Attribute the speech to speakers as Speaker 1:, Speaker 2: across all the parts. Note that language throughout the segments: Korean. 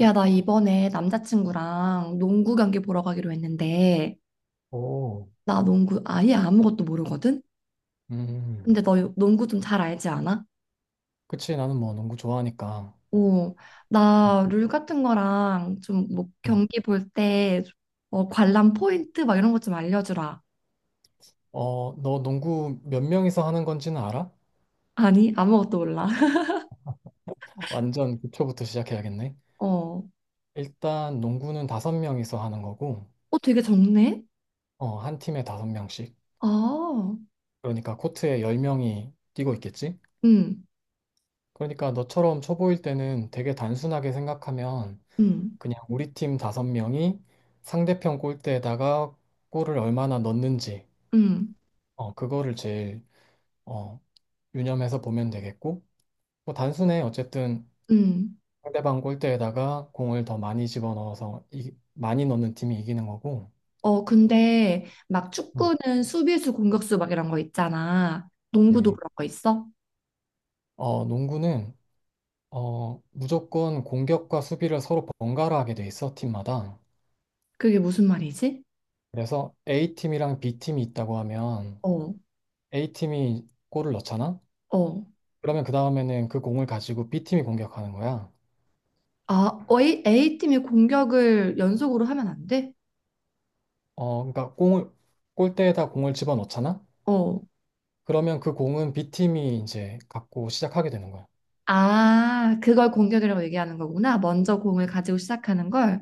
Speaker 1: 야, 나 이번에 남자친구랑 농구 경기 보러 가기로 했는데,
Speaker 2: 오,
Speaker 1: 나 농구 아예 아무것도 모르거든?
Speaker 2: 음,
Speaker 1: 근데 너 농구 좀 잘 알지 않아?
Speaker 2: 그치. 나는 뭐 농구 좋아하니까.
Speaker 1: 어,
Speaker 2: 음.
Speaker 1: 나 룰 같은 거랑 좀 뭐
Speaker 2: 음.
Speaker 1: 경기 볼 때, 어, 관람 포인트 막 이런 것 좀 알려주라.
Speaker 2: 어, 너 농구 몇 명이서 하는 건지는 알아?
Speaker 1: 아니, 아무것도 몰라.
Speaker 2: 완전 기초부터 시작해야겠네.
Speaker 1: 어,
Speaker 2: 일단 농구는 다섯 명이서 하는 거고,
Speaker 1: 어, 되게 적네?
Speaker 2: 어, 한 팀에 다섯 명씩.
Speaker 1: 아,
Speaker 2: 그러니까 코트에 열 명이 뛰고 있겠지?
Speaker 1: 응,
Speaker 2: 그러니까 너처럼 초보일 때는 되게 단순하게 생각하면
Speaker 1: 응,
Speaker 2: 그냥 우리 팀 다섯 명이 상대편 골대에다가 골을 얼마나 넣는지,
Speaker 1: 응,
Speaker 2: 어, 그거를 제일, 어, 유념해서 보면 되겠고, 뭐 단순해. 어쨌든
Speaker 1: 응.
Speaker 2: 상대방 골대에다가 공을 더 많이 집어넣어서 많이 넣는 팀이 이기는 거고.
Speaker 1: 어, 근데 막
Speaker 2: 음,
Speaker 1: 축구는 수비수, 공격수 막 이런 거 있잖아. 농구도
Speaker 2: 네.
Speaker 1: 그런 거 있어?
Speaker 2: 어, 농구는 어, 무조건 공격과 수비를 서로 번갈아 하게 돼 있어, 팀마다.
Speaker 1: 그게 무슨 말이지?
Speaker 2: 그래서 A팀이랑 B팀이 있다고 하면
Speaker 1: 어,
Speaker 2: A팀이 골을 넣잖아?
Speaker 1: 어.
Speaker 2: 그러면 그 다음에는 그 공을 가지고 B팀이 공격하는 거야.
Speaker 1: 아, 어, A팀이 공격을 연속으로 하면 안 돼?
Speaker 2: 어, 그러니까 공을 골대에다 공을 집어넣잖아?
Speaker 1: 어.
Speaker 2: 그러면 그 공은 B팀이 이제 갖고 시작하게 되는 거야.
Speaker 1: 아, 그걸 공격이라고 얘기하는 거구나. 먼저 공을 가지고 시작하는 걸.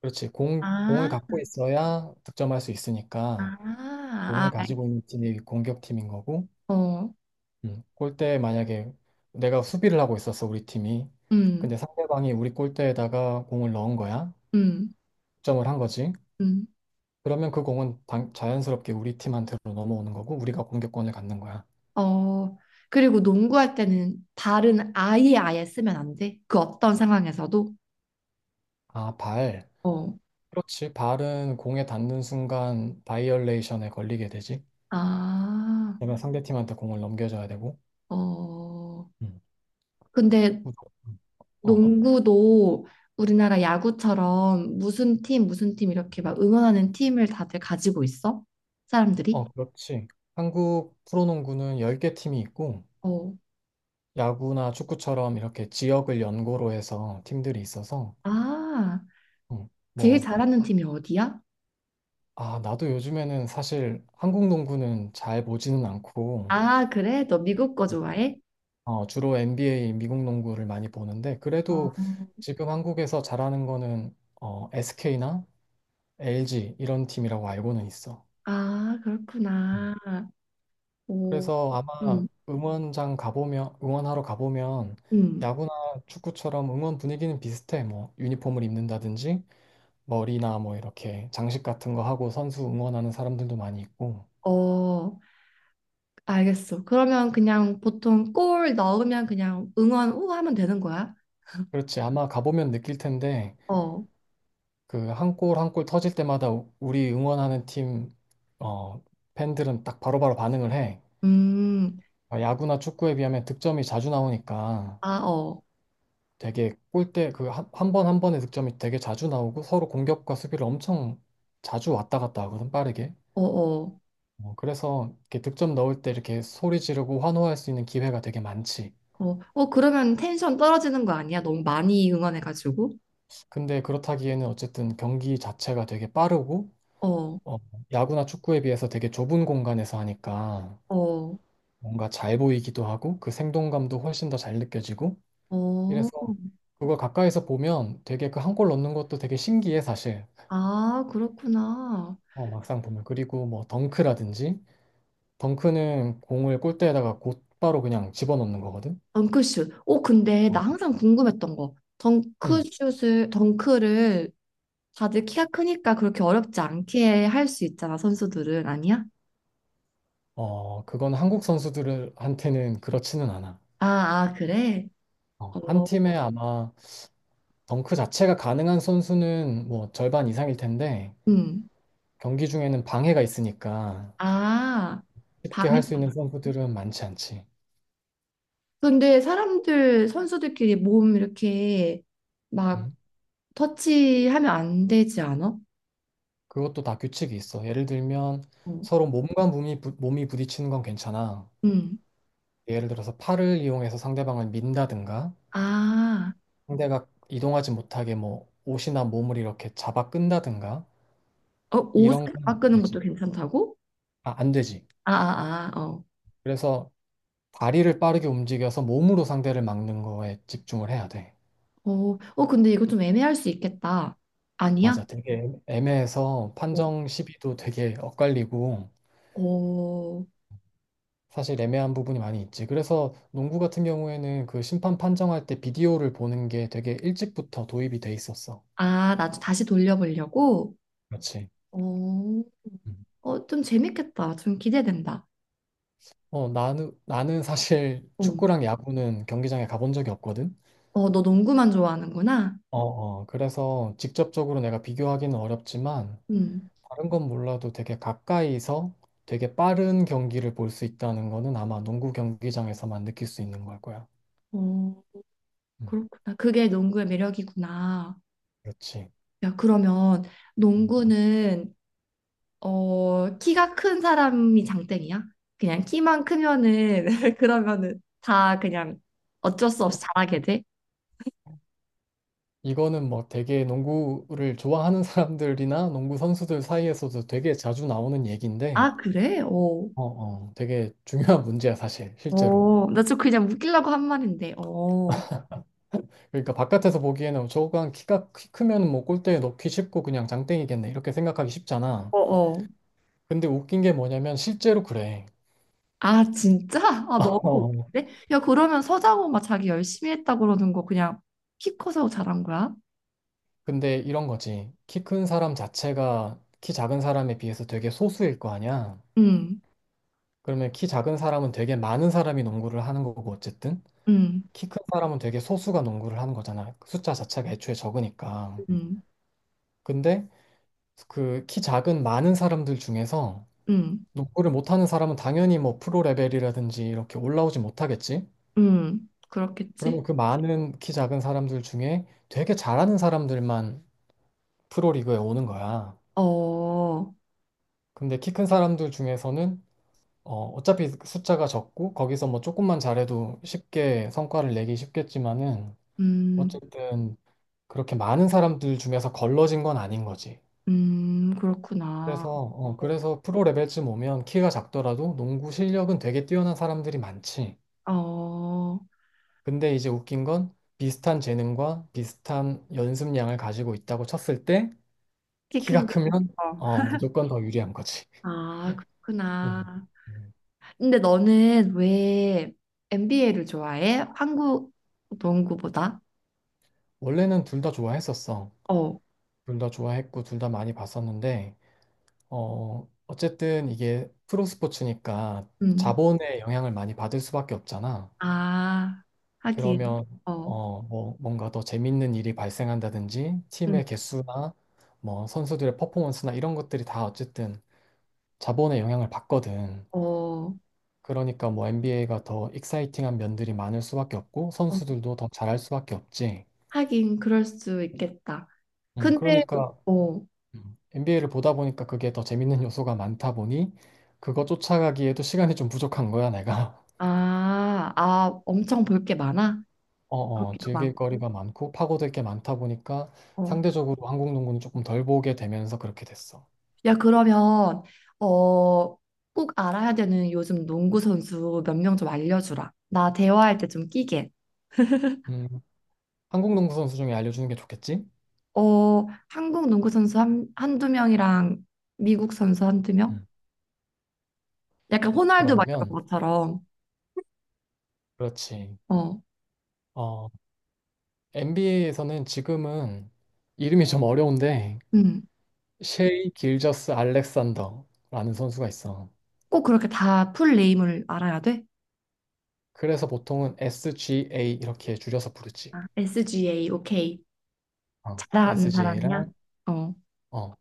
Speaker 2: 그렇지. 공을
Speaker 1: 아,
Speaker 2: 갖고 있어야 득점할 수 있으니까
Speaker 1: 아,
Speaker 2: 공을
Speaker 1: 아,
Speaker 2: 가지고 있는 팀이 공격팀인 거고,
Speaker 1: 어,
Speaker 2: 골대에 만약에 내가 수비를 하고 있었어, 우리 팀이.
Speaker 1: 음,
Speaker 2: 근데 상대방이 우리 골대에다가 공을 넣은 거야.
Speaker 1: 음,
Speaker 2: 득점을 한 거지.
Speaker 1: 음.
Speaker 2: 그러면 그 공은 자연스럽게 우리 팀한테로 넘어오는 거고, 우리가 공격권을 갖는 거야.
Speaker 1: 어, 그리고 농구할 때는 발은 아예 아예 쓰면 안 돼. 그 어떤 상황에서도.
Speaker 2: 아, 발.
Speaker 1: 어,
Speaker 2: 그렇지. 발은 공에 닿는 순간 바이올레이션에 걸리게 되지.
Speaker 1: 아,
Speaker 2: 그러면 상대팀한테 공을 넘겨줘야 되고.
Speaker 1: 어.
Speaker 2: 음.
Speaker 1: 근데
Speaker 2: 무조건. 어.
Speaker 1: 농구도 우리나라 야구처럼 무슨 팀, 무슨 팀 이렇게 막 응원하는 팀을 다들 가지고 있어? 사람들이?
Speaker 2: 어, 그렇지. 한국 프로농구는 10개 팀이 있고,
Speaker 1: 어.
Speaker 2: 야구나 축구처럼 이렇게 지역을 연고로 해서 팀들이 있어서,
Speaker 1: 아, 제일
Speaker 2: 뭐,
Speaker 1: 잘하는 팀이 어디야?
Speaker 2: 아, 나도 요즘에는 사실 한국 농구는 잘 보지는 않고,
Speaker 1: 아, 그래? 너 미국 거 좋아해?
Speaker 2: 어, 주로 NBA 미국 농구를 많이 보는데,
Speaker 1: 어.
Speaker 2: 그래도 지금 한국에서 잘하는 거는 어, SK나 LG 이런 팀이라고 알고는 있어.
Speaker 1: 아,
Speaker 2: 음.
Speaker 1: 그렇구나. 오,
Speaker 2: 그래서 아마
Speaker 1: 음,
Speaker 2: 응원장 가보면, 응원하러 가보면
Speaker 1: 음.
Speaker 2: 야구나 축구처럼 응원 분위기는 비슷해. 뭐 유니폼을 입는다든지 머리나 뭐 이렇게 장식 같은 거 하고 선수 응원하는 사람들도 많이 있고.
Speaker 1: 어, 알겠어. 그러면 그냥 보통 골 넣으면 그냥 응원 우 하면 되는 거야?
Speaker 2: 그렇지. 아마 가보면 느낄 텐데
Speaker 1: 어,
Speaker 2: 그 한 골 한 골 터질 때마다 우리 응원하는 팀 어, 팬들은 딱 바로바로 반응을 해.
Speaker 1: 음,
Speaker 2: 어, 야구나 축구에 비하면 득점이 자주 나오니까
Speaker 1: 아, 어,
Speaker 2: 되게 골대 그 한 번 한 번의 득점이 되게 자주 나오고 서로 공격과 수비를 엄청 자주 왔다 갔다 하거든 빠르게.
Speaker 1: 어, 어.
Speaker 2: 어, 그래서 이렇게 득점 넣을 때 이렇게 소리 지르고 환호할 수 있는 기회가 되게 많지.
Speaker 1: 어, 어, 그러면 텐션 떨어지는 거 아니야? 너무 많이 응원해가지고.
Speaker 2: 근데 그렇다기에는 어쨌든 경기 자체가 되게 빠르고
Speaker 1: 어,
Speaker 2: 어, 야구나 축구에 비해서 되게 좁은 공간에서 하니까
Speaker 1: 어,
Speaker 2: 뭔가 잘 보이기도 하고 그 생동감도 훨씬 더 잘 느껴지고
Speaker 1: 어.
Speaker 2: 이래서 그걸 가까이서 보면 되게 그 한 골 넣는 것도 되게 신기해 사실.
Speaker 1: 아, 그렇구나.
Speaker 2: 어, 막상 보면 그리고 뭐 덩크라든지 덩크는 공을 골대에다가 곧바로 그냥 집어넣는 거거든.
Speaker 1: 덩크슛. 어, 근데 나
Speaker 2: 어,
Speaker 1: 항상 궁금했던 거.
Speaker 2: 응.
Speaker 1: 덩크슛을, 덩크를 다들 키가 크니까 그렇게 어렵지 않게 할 수 있잖아, 선수들은. 아니야?
Speaker 2: 어, 그건 한국 선수들한테는 그렇지는 않아.
Speaker 1: 아, 아, 그래?
Speaker 2: 어,
Speaker 1: 어,
Speaker 2: 한 팀에 아마 덩크 자체가 가능한 선수는 뭐 절반 이상일 텐데
Speaker 1: 음.
Speaker 2: 경기 중에는 방해가 있으니까
Speaker 1: 아,
Speaker 2: 쉽게
Speaker 1: 방해.
Speaker 2: 할 수 있는 선수들은 많지 않지.
Speaker 1: 근데 사람들, 선수들끼리 몸 이렇게 막
Speaker 2: 응?
Speaker 1: 터치하면 안 되지 않아?
Speaker 2: 그것도 다 규칙이 있어. 예를 들면
Speaker 1: 어.
Speaker 2: 서로 몸과 몸이 부딪히는 건 괜찮아.
Speaker 1: 음.
Speaker 2: 예를 들어서 팔을 이용해서 상대방을 민다든가
Speaker 1: 아,
Speaker 2: 상대가 이동하지 못하게 뭐 옷이나 몸을 이렇게 잡아 끈다든가
Speaker 1: 어, 옷을
Speaker 2: 이런 건 안
Speaker 1: 갈아 끄는 것도
Speaker 2: 되지.
Speaker 1: 괜찮다고?
Speaker 2: 아, 안 되지.
Speaker 1: 아, 아, 아, 어.
Speaker 2: 그래서 다리를 빠르게 움직여서 몸으로 상대를 막는 거에 집중을 해야 돼.
Speaker 1: 어, 어, 근데 이거 좀 애매할 수 있겠다. 아니야?
Speaker 2: 맞아. 되게 애매해서
Speaker 1: 어,
Speaker 2: 판정 시비도 되게 엇갈리고
Speaker 1: 어,
Speaker 2: 사실 애매한 부분이 많이 있지. 그래서 농구 같은 경우에는 그 심판 판정할 때 비디오를 보는 게 되게 일찍부터 도입이 돼 있었어.
Speaker 1: 아, 나 다시 돌려보려고?
Speaker 2: 그렇지.
Speaker 1: 어,
Speaker 2: 음.
Speaker 1: 어, 좀 재밌겠다. 좀 기대된다.
Speaker 2: 어, 나는 사실
Speaker 1: 어,
Speaker 2: 축구랑 야구는 경기장에 가본 적이 없거든.
Speaker 1: 어, 너 농구만 좋아하는구나?
Speaker 2: 어, 어. 그래서 직접적으로 내가 비교하기는 어렵지만
Speaker 1: 음,
Speaker 2: 다른 건 몰라도 되게 가까이서 되게 빠른 경기를 볼 수 있다는 거는 아마 농구 경기장에서만 느낄 수 있는 걸 거야.
Speaker 1: 어,
Speaker 2: 음,
Speaker 1: 그렇구나. 그게 농구의 매력이구나.
Speaker 2: 그렇지.
Speaker 1: 야, 그러면
Speaker 2: 음.
Speaker 1: 농구는 어, 키가 큰 사람이 장땡이야? 그냥 키만 크면은, 그러면은 다 그냥 어쩔 수 없이 잘하게 돼?
Speaker 2: 이거는 뭐 되게 농구를 좋아하는 사람들이나 농구 선수들 사이에서도 되게 자주 나오는 얘기인데,
Speaker 1: 아, 그래? 어.
Speaker 2: 어, 어, 되게 중요한 문제야, 사실, 실제로.
Speaker 1: 어, 나 좀 그냥 웃기려고 한 말인데, 어, 어,
Speaker 2: 그러니까 바깥에서 보기에는 저거 한 키가 키 크면 뭐 골대에 넣기 쉽고 그냥 장땡이겠네. 이렇게 생각하기 쉽잖아.
Speaker 1: 어.
Speaker 2: 근데 웃긴 게 뭐냐면 실제로 그래.
Speaker 1: 아, 진짜? 아, 너무
Speaker 2: 어.
Speaker 1: 웃긴데? 야, 그러면 서장호 막 자기 열심히 했다 그러는 거 그냥 키 커서 잘한 거야?
Speaker 2: 근데 이런 거지. 키 큰 사람 자체가 키 작은 사람에 비해서 되게 소수일 거 아니야.
Speaker 1: 응,
Speaker 2: 그러면 키 작은 사람은 되게 많은 사람이 농구를 하는 거고 어쨌든
Speaker 1: 응,
Speaker 2: 키 큰 사람은 되게 소수가 농구를 하는 거잖아. 그 숫자 자체가 애초에 적으니까.
Speaker 1: 응,
Speaker 2: 근데 그 키 작은 많은 사람들 중에서
Speaker 1: 응,
Speaker 2: 농구를 못하는 사람은 당연히 뭐 프로 레벨이라든지 이렇게 올라오지 못하겠지.
Speaker 1: 응.
Speaker 2: 그러면
Speaker 1: 그렇겠지?
Speaker 2: 그 많은 키 작은 사람들 중에 되게 잘하는 사람들만 프로리그에 오는 거야.
Speaker 1: 어,
Speaker 2: 근데 키 큰 사람들 중에서는 어, 어차피 숫자가 적고 거기서 뭐 조금만 잘해도 쉽게 성과를 내기 쉽겠지만은
Speaker 1: 음,
Speaker 2: 어쨌든 그렇게 많은 사람들 중에서 걸러진 건 아닌 거지.
Speaker 1: 그렇구나.
Speaker 2: 그래서 어,
Speaker 1: 어.
Speaker 2: 그래서 프로 레벨쯤 오면 키가 작더라도 농구 실력은 되게 뛰어난 사람들이 많지.
Speaker 1: 어,
Speaker 2: 근데 이제 웃긴 건 비슷한 재능과 비슷한 연습량을 가지고 있다고 쳤을 때
Speaker 1: 키
Speaker 2: 키가
Speaker 1: 큰 게.
Speaker 2: 크면
Speaker 1: 어.
Speaker 2: 어, 무조건 더 유리한 거지.
Speaker 1: 아,
Speaker 2: 음.
Speaker 1: 그렇구나. 근데 너는 왜 NBA를 좋아해? 한국 농구보다?
Speaker 2: 원래는 둘 다 좋아했었어.
Speaker 1: 어,
Speaker 2: 둘 다 좋아했고, 둘 다 많이 봤었는데, 어, 어쨌든 이게 프로 스포츠니까
Speaker 1: 음.
Speaker 2: 자본의 영향을 많이 받을 수밖에 없잖아.
Speaker 1: 아, 하긴.
Speaker 2: 그러면,
Speaker 1: 어,
Speaker 2: 어, 뭐, 뭔가 더 재밌는 일이 발생한다든지,
Speaker 1: 음.
Speaker 2: 팀의 개수나, 뭐, 선수들의 퍼포먼스나 이런 것들이 다 어쨌든 자본의 영향을 받거든.
Speaker 1: 어, 어,
Speaker 2: 그러니까 뭐, NBA가 더 익사이팅한 면들이 많을 수밖에 없고, 선수들도 더 잘할 수밖에 없지.
Speaker 1: 하긴 그럴 수 있겠다. 근데
Speaker 2: 그러니까
Speaker 1: 어,
Speaker 2: NBA를 보다 보니까 그게 더 재밌는 요소가 많다 보니 그거 쫓아가기에도 시간이 좀 부족한 거야, 내가.
Speaker 1: 아, 아, 엄청 볼 게 많아?
Speaker 2: 어, 어,
Speaker 1: 보기도
Speaker 2: 즐길
Speaker 1: 많고.
Speaker 2: 거리가 많고 파고들 게 많다 보니까
Speaker 1: 어.
Speaker 2: 상대적으로 한국 농구는 조금 덜 보게 되면서 그렇게 됐어.
Speaker 1: 야, 그러면 어, 꼭 알아야 되는 요즘 농구 선수 몇 명 좀 알려주라. 나 대화할 때 좀 끼게.
Speaker 2: 음, 한국 농구 선수 중에 알려주는 게 좋겠지?
Speaker 1: 어, 한국 농구 선수 한두 명이랑 미국 선수 한두 명?
Speaker 2: 음,
Speaker 1: 약간 호날두 막
Speaker 2: 그러면,
Speaker 1: 이런 것처럼.
Speaker 2: 그렇지.
Speaker 1: 어,
Speaker 2: 어, NBA에서는 지금은 이름이 좀 어려운데
Speaker 1: 음.
Speaker 2: 셰이 길저스 알렉산더라는 선수가 있어.
Speaker 1: 꼭 그렇게 다 풀 네임을 알아야 돼?
Speaker 2: 그래서 보통은 SGA 이렇게 줄여서 부르지.
Speaker 1: 아, SGA, 오케이.
Speaker 2: 어,
Speaker 1: 잘하는
Speaker 2: SGA랑
Speaker 1: 사람이야? 어.
Speaker 2: 어,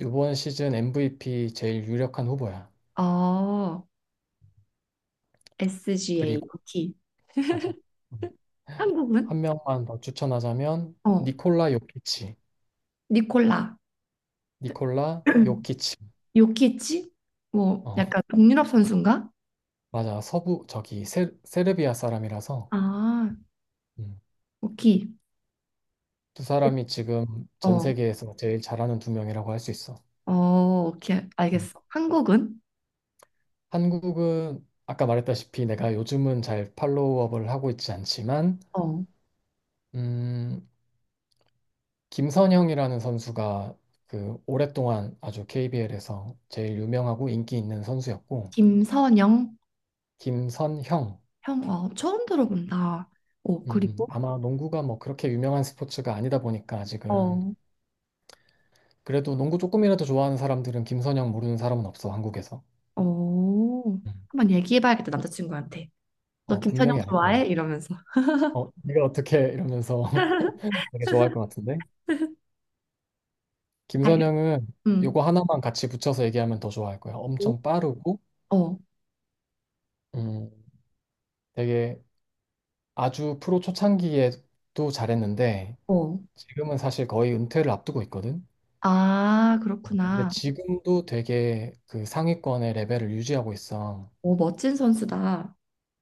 Speaker 2: 이번 시즌 MVP 제일 유력한 후보야.
Speaker 1: 어, SGA,
Speaker 2: 그리고
Speaker 1: 오케이.
Speaker 2: 맞아. 음,
Speaker 1: 한국은?
Speaker 2: 한 명만 더 추천하자면
Speaker 1: 어,
Speaker 2: 니콜라 요키치.
Speaker 1: 니콜라.
Speaker 2: 니콜라 요키치.
Speaker 1: 요키치? 뭐
Speaker 2: 어,
Speaker 1: 약간 동유럽 선수인가?
Speaker 2: 맞아. 서부 저기 세르비아 사람이라서
Speaker 1: 아,
Speaker 2: 음,
Speaker 1: 오키.
Speaker 2: 두 사람이 지금 전
Speaker 1: 어,
Speaker 2: 세계에서 제일 잘하는 두 명이라고 할 수 있어.
Speaker 1: 어, 오케이.
Speaker 2: 음.
Speaker 1: 알겠어. 한국은?
Speaker 2: 한국은 아까 말했다시피 내가 요즘은 잘 팔로우업을 하고 있지 않지만
Speaker 1: 어,
Speaker 2: 음, 김선형이라는 선수가 그 오랫동안 아주 KBL에서 제일 유명하고 인기 있는 선수였고
Speaker 1: 김선영
Speaker 2: 김선형.
Speaker 1: 형, 어, 처음 들어본다. 어, 그리고?
Speaker 2: 아마 농구가 뭐 그렇게 유명한 스포츠가 아니다 보니까 아직은
Speaker 1: 어,
Speaker 2: 그래도 농구 조금이라도 좋아하는 사람들은 김선형 모르는 사람은 없어 한국에서.
Speaker 1: 어,
Speaker 2: 음.
Speaker 1: 한번 얘기해봐야겠다, 남자친구한테. 너
Speaker 2: 어,
Speaker 1: 김선영
Speaker 2: 분명히 알 거야.
Speaker 1: 좋아해? 이러면서.
Speaker 2: 어, 네가 어떻게, 이러면서 되게 좋아할 것 같은데.
Speaker 1: 알겠어.
Speaker 2: 김선형은
Speaker 1: 음.
Speaker 2: 요거 하나만 같이 붙여서 얘기하면 더 좋아할 거야. 엄청 빠르고
Speaker 1: 어,
Speaker 2: 음, 되게 아주 프로 초창기에도 잘했는데
Speaker 1: 어.
Speaker 2: 지금은 사실 거의 은퇴를 앞두고 있거든.
Speaker 1: 아,
Speaker 2: 근데
Speaker 1: 그렇구나.
Speaker 2: 지금도 되게 그 상위권의 레벨을 유지하고 있어.
Speaker 1: 오, 멋진 선수다.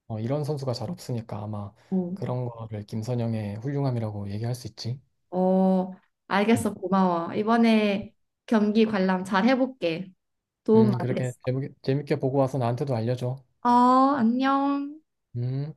Speaker 2: 어, 이런 선수가 잘 없으니까 아마
Speaker 1: 오.
Speaker 2: 그런 거를 김선영의 훌륭함이라고 얘기할 수 있지.
Speaker 1: 어, 알겠어.
Speaker 2: 음,
Speaker 1: 고마워. 이번에 경기 관람 잘 해볼게. 도움 많이
Speaker 2: 그렇게
Speaker 1: 됐어.
Speaker 2: 재밌게, 재밌게 보고 와서 나한테도 알려줘.
Speaker 1: 어, 안녕.
Speaker 2: 음.